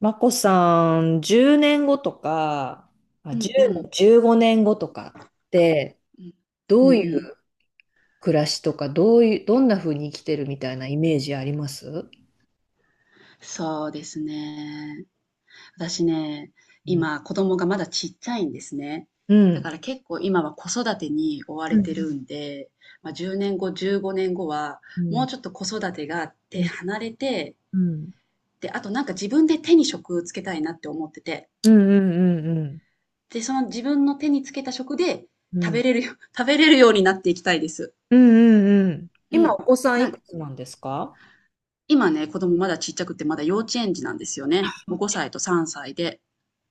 まこさん、10年後とか、うあ、んうん。10 5年後とかって、うん。うどんういううん。暮らしとか、どういう、どんな風に生きてるみたいなイメージあります？そうですね。私ね、うん。今子供がまだちっちゃいんですね。うだかん。ら結構今は子育てに追わうれてんるんで、まあ、10年後、15年後はうもんうちょっと子育てが手うんうん離れて、で、あと自分で手に職つけたいなって思ってて、うんうんうんで、その自分の手につけた食でう食んべれるよ、食べれるようになっていきたいです。うんうん。う今、おん。子さんいな、くつなんですか？ 今ね、子供まだちっちゃくてまだ幼稚園児なんですよね。もう5歳と3歳で。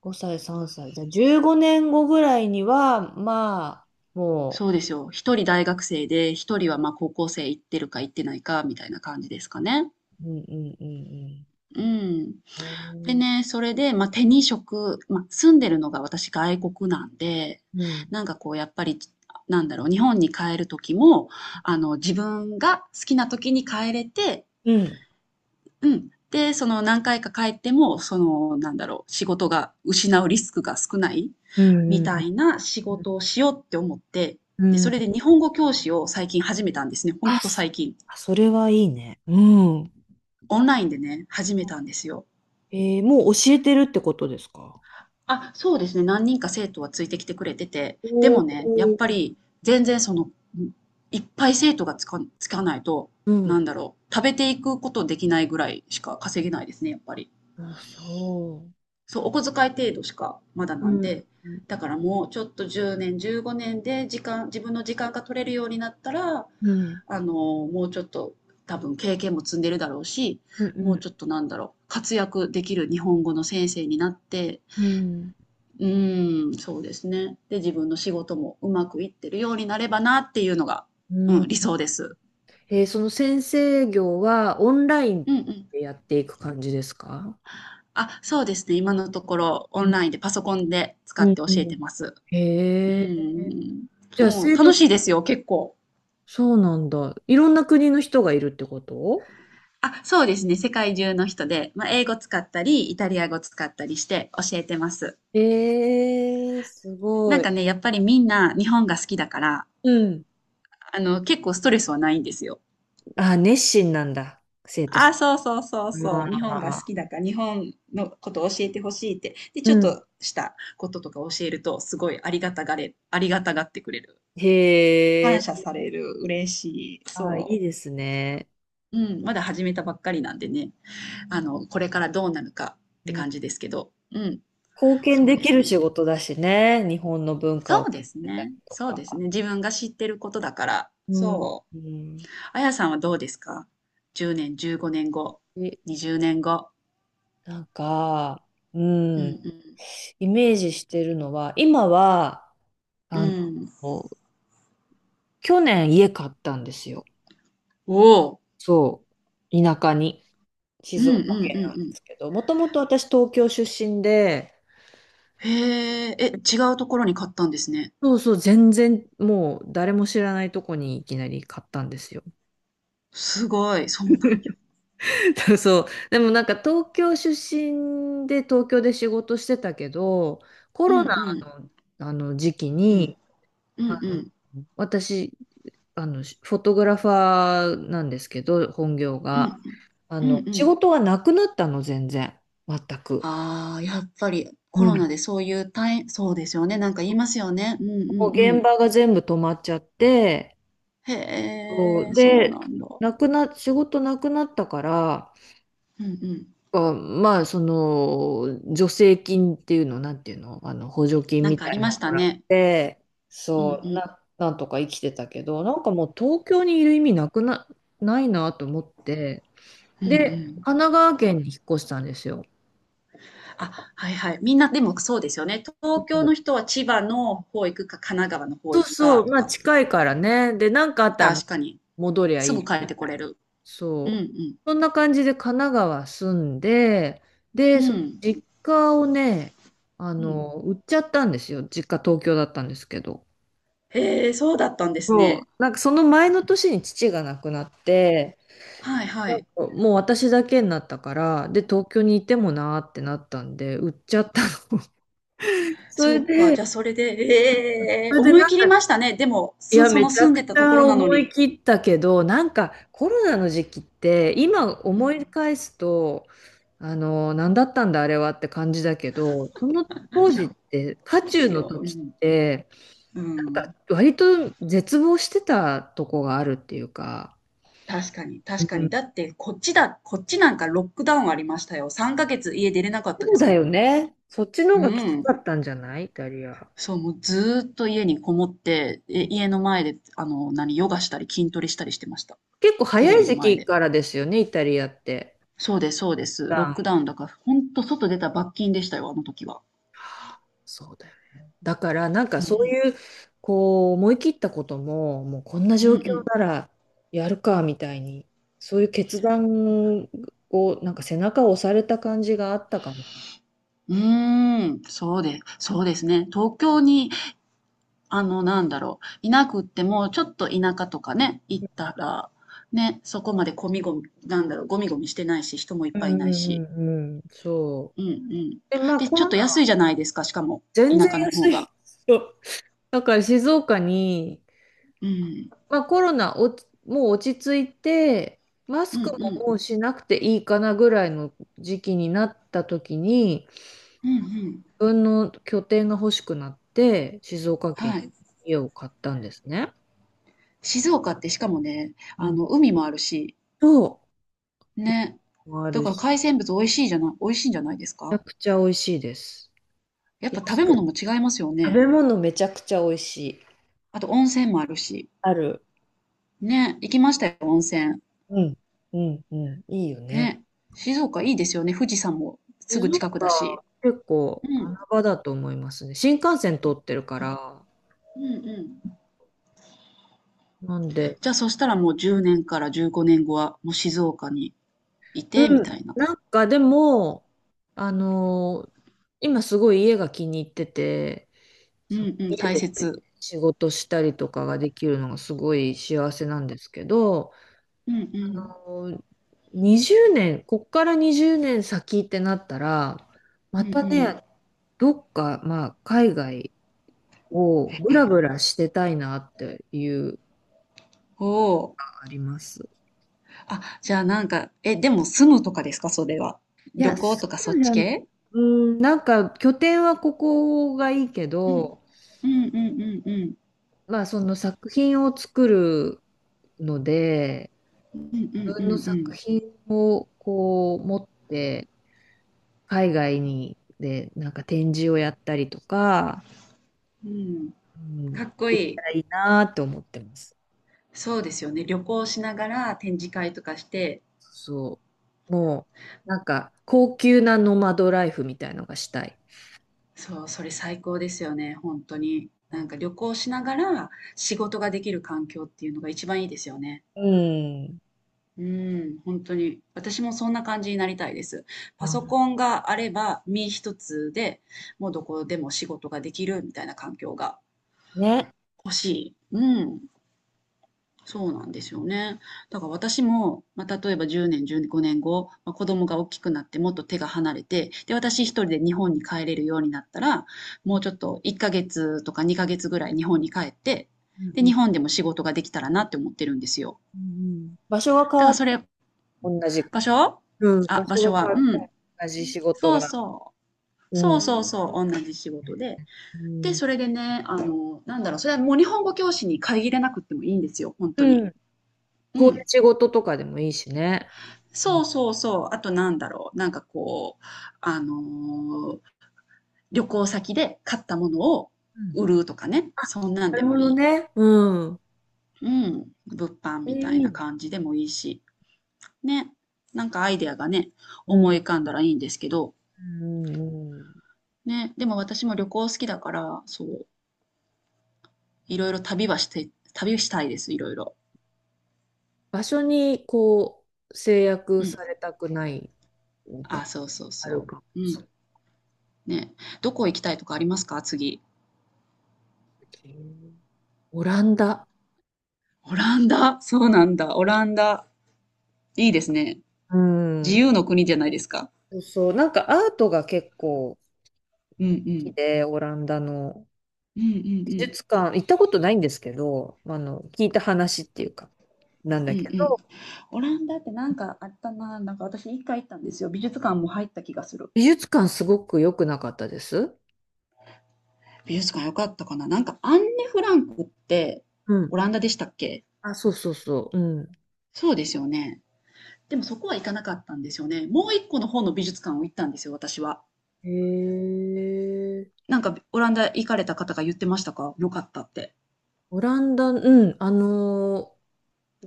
5 歳、3歳。じゃあ、15年後ぐらいには、まあ、もそうですよ。一人大学生で、一人はまあ高校生行ってるか行ってないかみたいな感じですかね。うんうんうんうん。うん。へでー。ね、それで、まあ、手に職、まあ、住んでるのが私外国なんで、うん。なんかこうやっぱり、なんだろう、日本に帰る時も、自分が好きな時に帰れて、うん。うん。で、その何回か帰っても、その、なんだろう、仕事が失うリスクが少ないうんみうんたいな仕うん事をしようって思って、うで、そん。れで日本語教師を最近始めたんですね。ほんあ、とそ最近。あ、それはいいね。うん。オンラインでね、始めたんですよ。もう教えてるってことですか？あ、そうですね。何人か生徒はついてきてくれてて、おでお。もね、やっぱり全然その、いっぱい生徒がつかないと、うなん。んだろう、食べていくことできないぐらいしか稼げないですね、やっぱり。あ、そそう、お小遣い程度しかまだう。なうんん。で、うん。だからもうちょっと10年、15年で時間、自分の時間が取れるようになったら、うんあの、もうちょっと多分経験も積んでるだろうし、うもうんちょっとなんだろう、活躍できる日本語の先生になって、うんうーん、そうですね。で、自分の仕事もうまくいってるようになればなっていうのが、ううん、理ん。想です。その先生業はオンライうンんうん。でやっていく感じですか？あ、そうですね。今のところオうンん。ラインでパソコンで使うってん教うえてます。ん。うへえ。ん。じそゃあう、生徒、楽しいですよ、結構。そうなんだ。いろんな国の人がいるってこと？あ、そうですね。世界中の人で、まあ、英語使ったり、イタリア語使ったりして教えてます。えー、すなごんい。かね、やっぱりみんな日本が好きだから、うん。あの、結構ストレスはないんですよ。あ、熱心なんだ。生徒。あ、そうそうそうそう。日本があ好きあ、だから、日本のことを教えてほしいって。で、うちょっん。としたこととか教えると、すごいありがたがれ、ありがたがってくれる。へ感え、謝される。嬉しい。ああ、いいそですね。う。うん。まだ始めたばっかりなんでね。あの、これからどうなるかっうてん。感じですけど、うん、貢献そうでできするね。仕事だしね、日本の文化を伝えたりとそうか。ですね。自分が知ってることだから。うん、そうん。う。あやさんはどうですか？ 10 年、15年後、え、20年後。なんか、ううん、んイメージしてるのは、今は、うん。あうん。の、去年家買ったんですよ。おお。そう、田舎に、うん静岡うんう県なんうんですん。けど、もともと私東京出身で、へえ、え、違うところに買ったんですね。そうそう、全然もう誰も知らないとこにいきなり買ったんですよ。すごい。そうなんや。そう。でもなんか東京出身で東京で仕事してたけど、コうんロナうん。の、あの時期うん。に、うんうあん。私、フォトグラファーなんですけど、本業うんうが。ん。うんう仕ん。事がなくなったの、全然。全く。ああ、やっぱりコうロナん。でそういう大そうですよね。なんか言いますよね。うんうんもうう現ん。場が全部止まっちゃって、そへえ、うそうで、なんだ。なくな、仕事なくなったから、うんうん。まあ、助成金っていうの、なんていうの、補助金なんみかたありいまのをしたもらっね。て、うんうそう、ん。なんとか生きてたけど、なんかもう東京にいる意味ないなと思って、うんうで、ん。神奈川県に引っ越したんですよ。あ、はいはい。みんなでもそうですよね。東京の人は千葉の方行くか、神奈川の方そう行くそかう、とまあか。近いからね。で、なんかあったら確かに。戻りゃすいぐい帰っみてこたいれな。る。うんうそう。ん。そんな感じで神奈川住んで、うで、そのん。実家をね、うん。売っちゃったんですよ。実家東京だったんですけど。へえ、そうだったんですそう。ね。なんかその前の年に父が亡くなって、はいはなんい。かもう私だけになったから、で、東京にいてもなーってなったんで、売っちゃったの。そそれうか、で、じゃあそれで、ええ、それで思い切りましたね。でも、いすや、そめのちゃ住んくでちたとこゃろなの思いに。切ったけど、なんかコロナの時期って、今うんうん。思いい返すと、何だったんだあれはって感じだけど、その当時っや、て、渦ほんで中すのよ。う時っん。て、うなんかん。割と絶望してたとこがあるっていうか、確かに、う確かに。ん、だってこっちだこっちなんかロックダウンありましたよ。3ヶ月家出れなかったそでうすだもよね。そっちのん。方うがきつかん。ったんじゃない、イタリア。そう、もうずーっと家にこもって、え、家の前で、ヨガしたり筋トレしたりしてました。結構テレ早いビの時前期で。からですよね、イタリアって。そうです。ロックダウンだから、ほんと外出た罰金でしたよ、あの時は。そうだよね。だからなんかうそうん。いうこう思い切ったことももうこんなうん状う況ん。ならやるかみたいに、そういう決断をなんか背中を押された感じがあったかも。うーん、そうですね。東京に、あの、なんだろう、いなくっても、ちょっと田舎とかね、行ったら、ね、そこまでゴミゴミ、なんだろう、ゴミゴミしてないし、人もいっうんぱいいないうんし。うんうん。そうんうう。ん。でまあで、コちょっロとナは安いじゃないですか、しかも、全然田舎の方安い。が。そう。だから静岡に、うん。まあ、コロナもう落ち着いてマスうんうクもん。もうしなくていいかなぐらいの時期になった時にうんうん。自分の拠点が欲しくなって、静岡県はい。に家を買ったんですね。静岡ってしかもね、うあん。の、海もあるし、と、ね。もあだるからし、海鮮物美味しいじゃない、美味しいんじゃないですめちか？ゃくちゃ美味しいです。やっぱ食安べく。物も違いますよ食ね。べ物めちゃくちゃ美味しい。あと温泉もあるし。ある。ね、行きましたよ、温泉。うん。うん。うん。いいよね。ね。静岡いいですよね、富士山もす静ぐ近くだ岡、し。結う構ん、穴場だと思いますね。新幹線通ってるから。うんうん。なんで、じゃあそしたらもう10年から15年後はもう静岡にいうて、みたん。いな。なんかでも、あのー今すごい家が気に入ってて、うそう、んうん、家大で切。仕事したりとかができるのがすごい幸せなんですけど、うんうあん。の20年、こっから20年先ってなったら、うまんうたね、ん。どっか、まあ、海外をブラブラしてたいなっていうのがおお。あります。あ、じゃあなんか、え、でも住むとかですか、それは。い旅や、そ行とかそうっじちゃん、系？うん、なんか拠点はここがいいけうん。ど、うんうんうんうん。まあその作品を作るので、うんう自分のんう作ん品をこう持って、海外に、で、なんか展示をやったりとか、うん。うん。うん、かっこできいたい。らいいなって思ってます。そうですよね。旅行しながら展示会とかして、そう。もう、なんか、高級なノマドライフみたいのがしたい。そう、それ最高ですよね、本当に。なんか旅行しながら仕事ができる環境っていうのが一番いいですよね。うん。うん、本当に。私もそんな感じになりたいです。パソあ、コンがあれば身一つで、もうどこでも仕事ができるみたいな環境がね。欲しい。うん。そうなんですよね。だから私も、まあ、例えば10年、15年後、まあ、子供が大きくなってもっと手が離れて、で、私一人で日本に帰れるようになったら、もうちょっと1ヶ月とか2ヶ月ぐらい日本に帰って、うんで、う日ん本でも仕事ができたらなって思ってるんですよ。うん。場所が変だかわらって、同じ。場所？うん。あ、場場所が所変は、わっうてん。も同じ仕事そが。うそう。うそうん。そうそう。同じ仕事で。うで、ん。それでね、あの、なんだろう、それはもう日本語教師に限らなくってもいいんですよ。本当うに。ん。うこういうん。仕事とかでもいいしね。うそん。うそうそう。あとなんだろう。なんかこう、あのー旅行先で買ったものをうん。売るとかね。あ、そんなんなでるもほいどい。ね。うん。うん。物販え、いみたいいなね。感じでもいいし。ね。なんかアイデアがね、う思ん。い浮かんだらいいんですけど。うんうん、ね。でも私も旅行好きだから、そう。いろいろ旅はして、旅したいです。いろいろ。場所にこう制約うん。されたくないみたいあ、なのそうそうあるそかもう。うしん。ね。どこ行きたいとかありますか、次？れない。オランダ。オランダ。そうなんだ。オランダ。いいですね。う自ん。由の国じゃないですか。そうそう、なんかアートが結構好うんうきん。で、オランダのうんう美ん術館、行ったことないんですけど、聞いた話っていうか、なんうん。だうんうけん。ど、オランダってなんかあったな。なんか私一回行ったんですよ。美術館も入った気がする。美術館すごく良くなかったです。美術館良かったかな。なんかアンネ・フランクってうん。オランダでしたっけ？あ、そうそうそう。うん。そうですよね。でもそこは行かなかったんですよね。もう一個の方の美術館を行ったんですよ、私は。へえ。なんかオランダ行かれた方が言ってましたか、良かったって。オランダ、うん、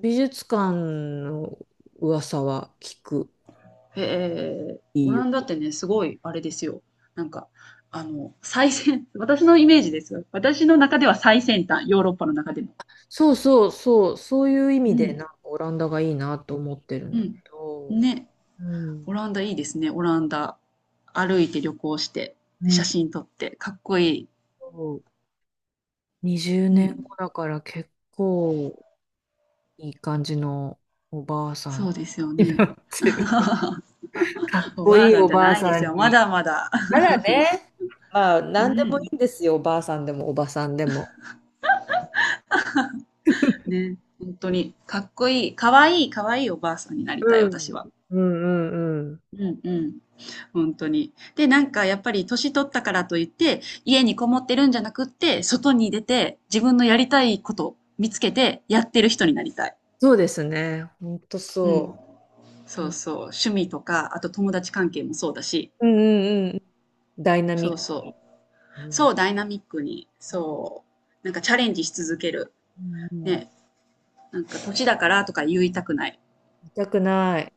美術館の噂は聞く。ええ、オいいラよ。ンダってね、すごいあれですよ。なんか、私のイメージですよ。私の中では最先端、ヨーロッパの中でも。そうそうそう、そういう意う味で、ん、なんかオランダがいいなと思ってるんうだけん。ど、ね、うオん、ランダいいですね、オランダ。歩いて旅行して、うで、写ん、真撮って、かっこいい。そう。20う年ん、後だから結構いい感じのおばあさそんうですよになね。っ てる。かっおこばあいいさんおじゃばあないでさすよ、んまに。だまだ。たらね。まあ、うなんでもいん、いんですよ、おばあさんでもおばさんでも。ね、本当に、かっこいい、かわいい、かわいいおばあさんになりたい、うん、私は。うん、うん、うん。うんうん。本当に。で、なんかやっぱり年取ったからといって、家にこもってるんじゃなくって、外に出て自分のやりたいこと見つけてやってる人になりたい。そうですね。ほんとうん。そう。そううんそう。趣味とか、あと友達関係もそうだし。うんうん。ダイナミそッうクに。そう。うんそう、ダイナミックに。うそう。なんかチャレンジし続ける。んうん。ね。なんか年だからとか言いたくない。痛たくない。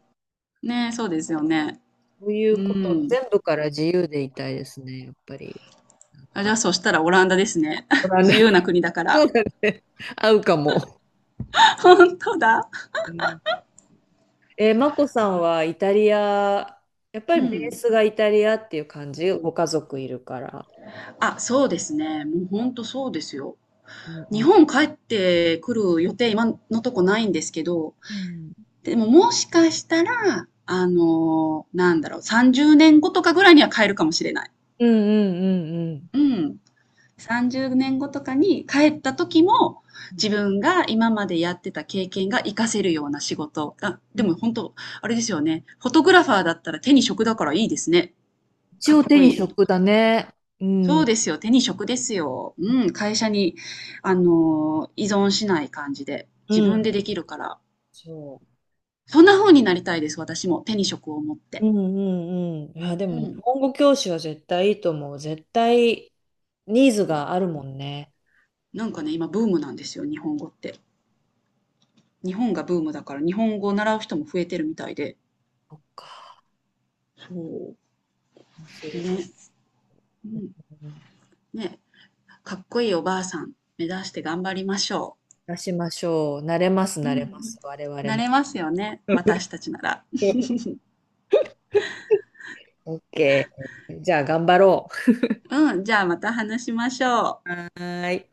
ね、そうですよね。そういううことん。全部から自由でいたいですね、やっぱり。なんあ、じゃか、あそしたらオランダですね。ご 覧な。 自 由な国だかそら。うだね。合うかも。本当だ。うん、マコさんはイタリア、やっぱうりベーん。スがイタリアっていう感じ、ご家族いるから。あ、そうですね。もうほんとそうですよ。うんう日ん本帰ってくる予定、今のとこないんですけど、うんでももしかしたら、あの、なんだろう、30年後とかぐらいには帰るかもしれない。うんうんうねん。30年後とかに帰った時も、うん。自分が今までやってた経験が活かせるような仕事。あ、うでん。も本当、あれですよね。フォトグラファーだったら手に職だからいいですね。一か応っ手こにいい。職だね。うそうでん。すよ。手に職ですよ。うん、会社に、依存しない感じで、う自分ん。でできるから。そう。そんな風になりたいです、私も。手に職を持っうて。んうんうん。いや、でもう日ん。本語教師は絶対いいと思う。絶対ニーズがあるもんね。なんかね、今ブームなんですよ、日本語って。日本がブームだから、日本語を習う人も増えてるみたいで。そっか。そう。そう。ね。うん。うん。ね。かっこいいおばあさん、目指して頑張りましょ出しましょう。慣れます、う。う慣れまん。す。我々なな。れますよね、私たちなら。OK。じゃあ頑張ろうん、じゃあまた話しましょう。う。はーい。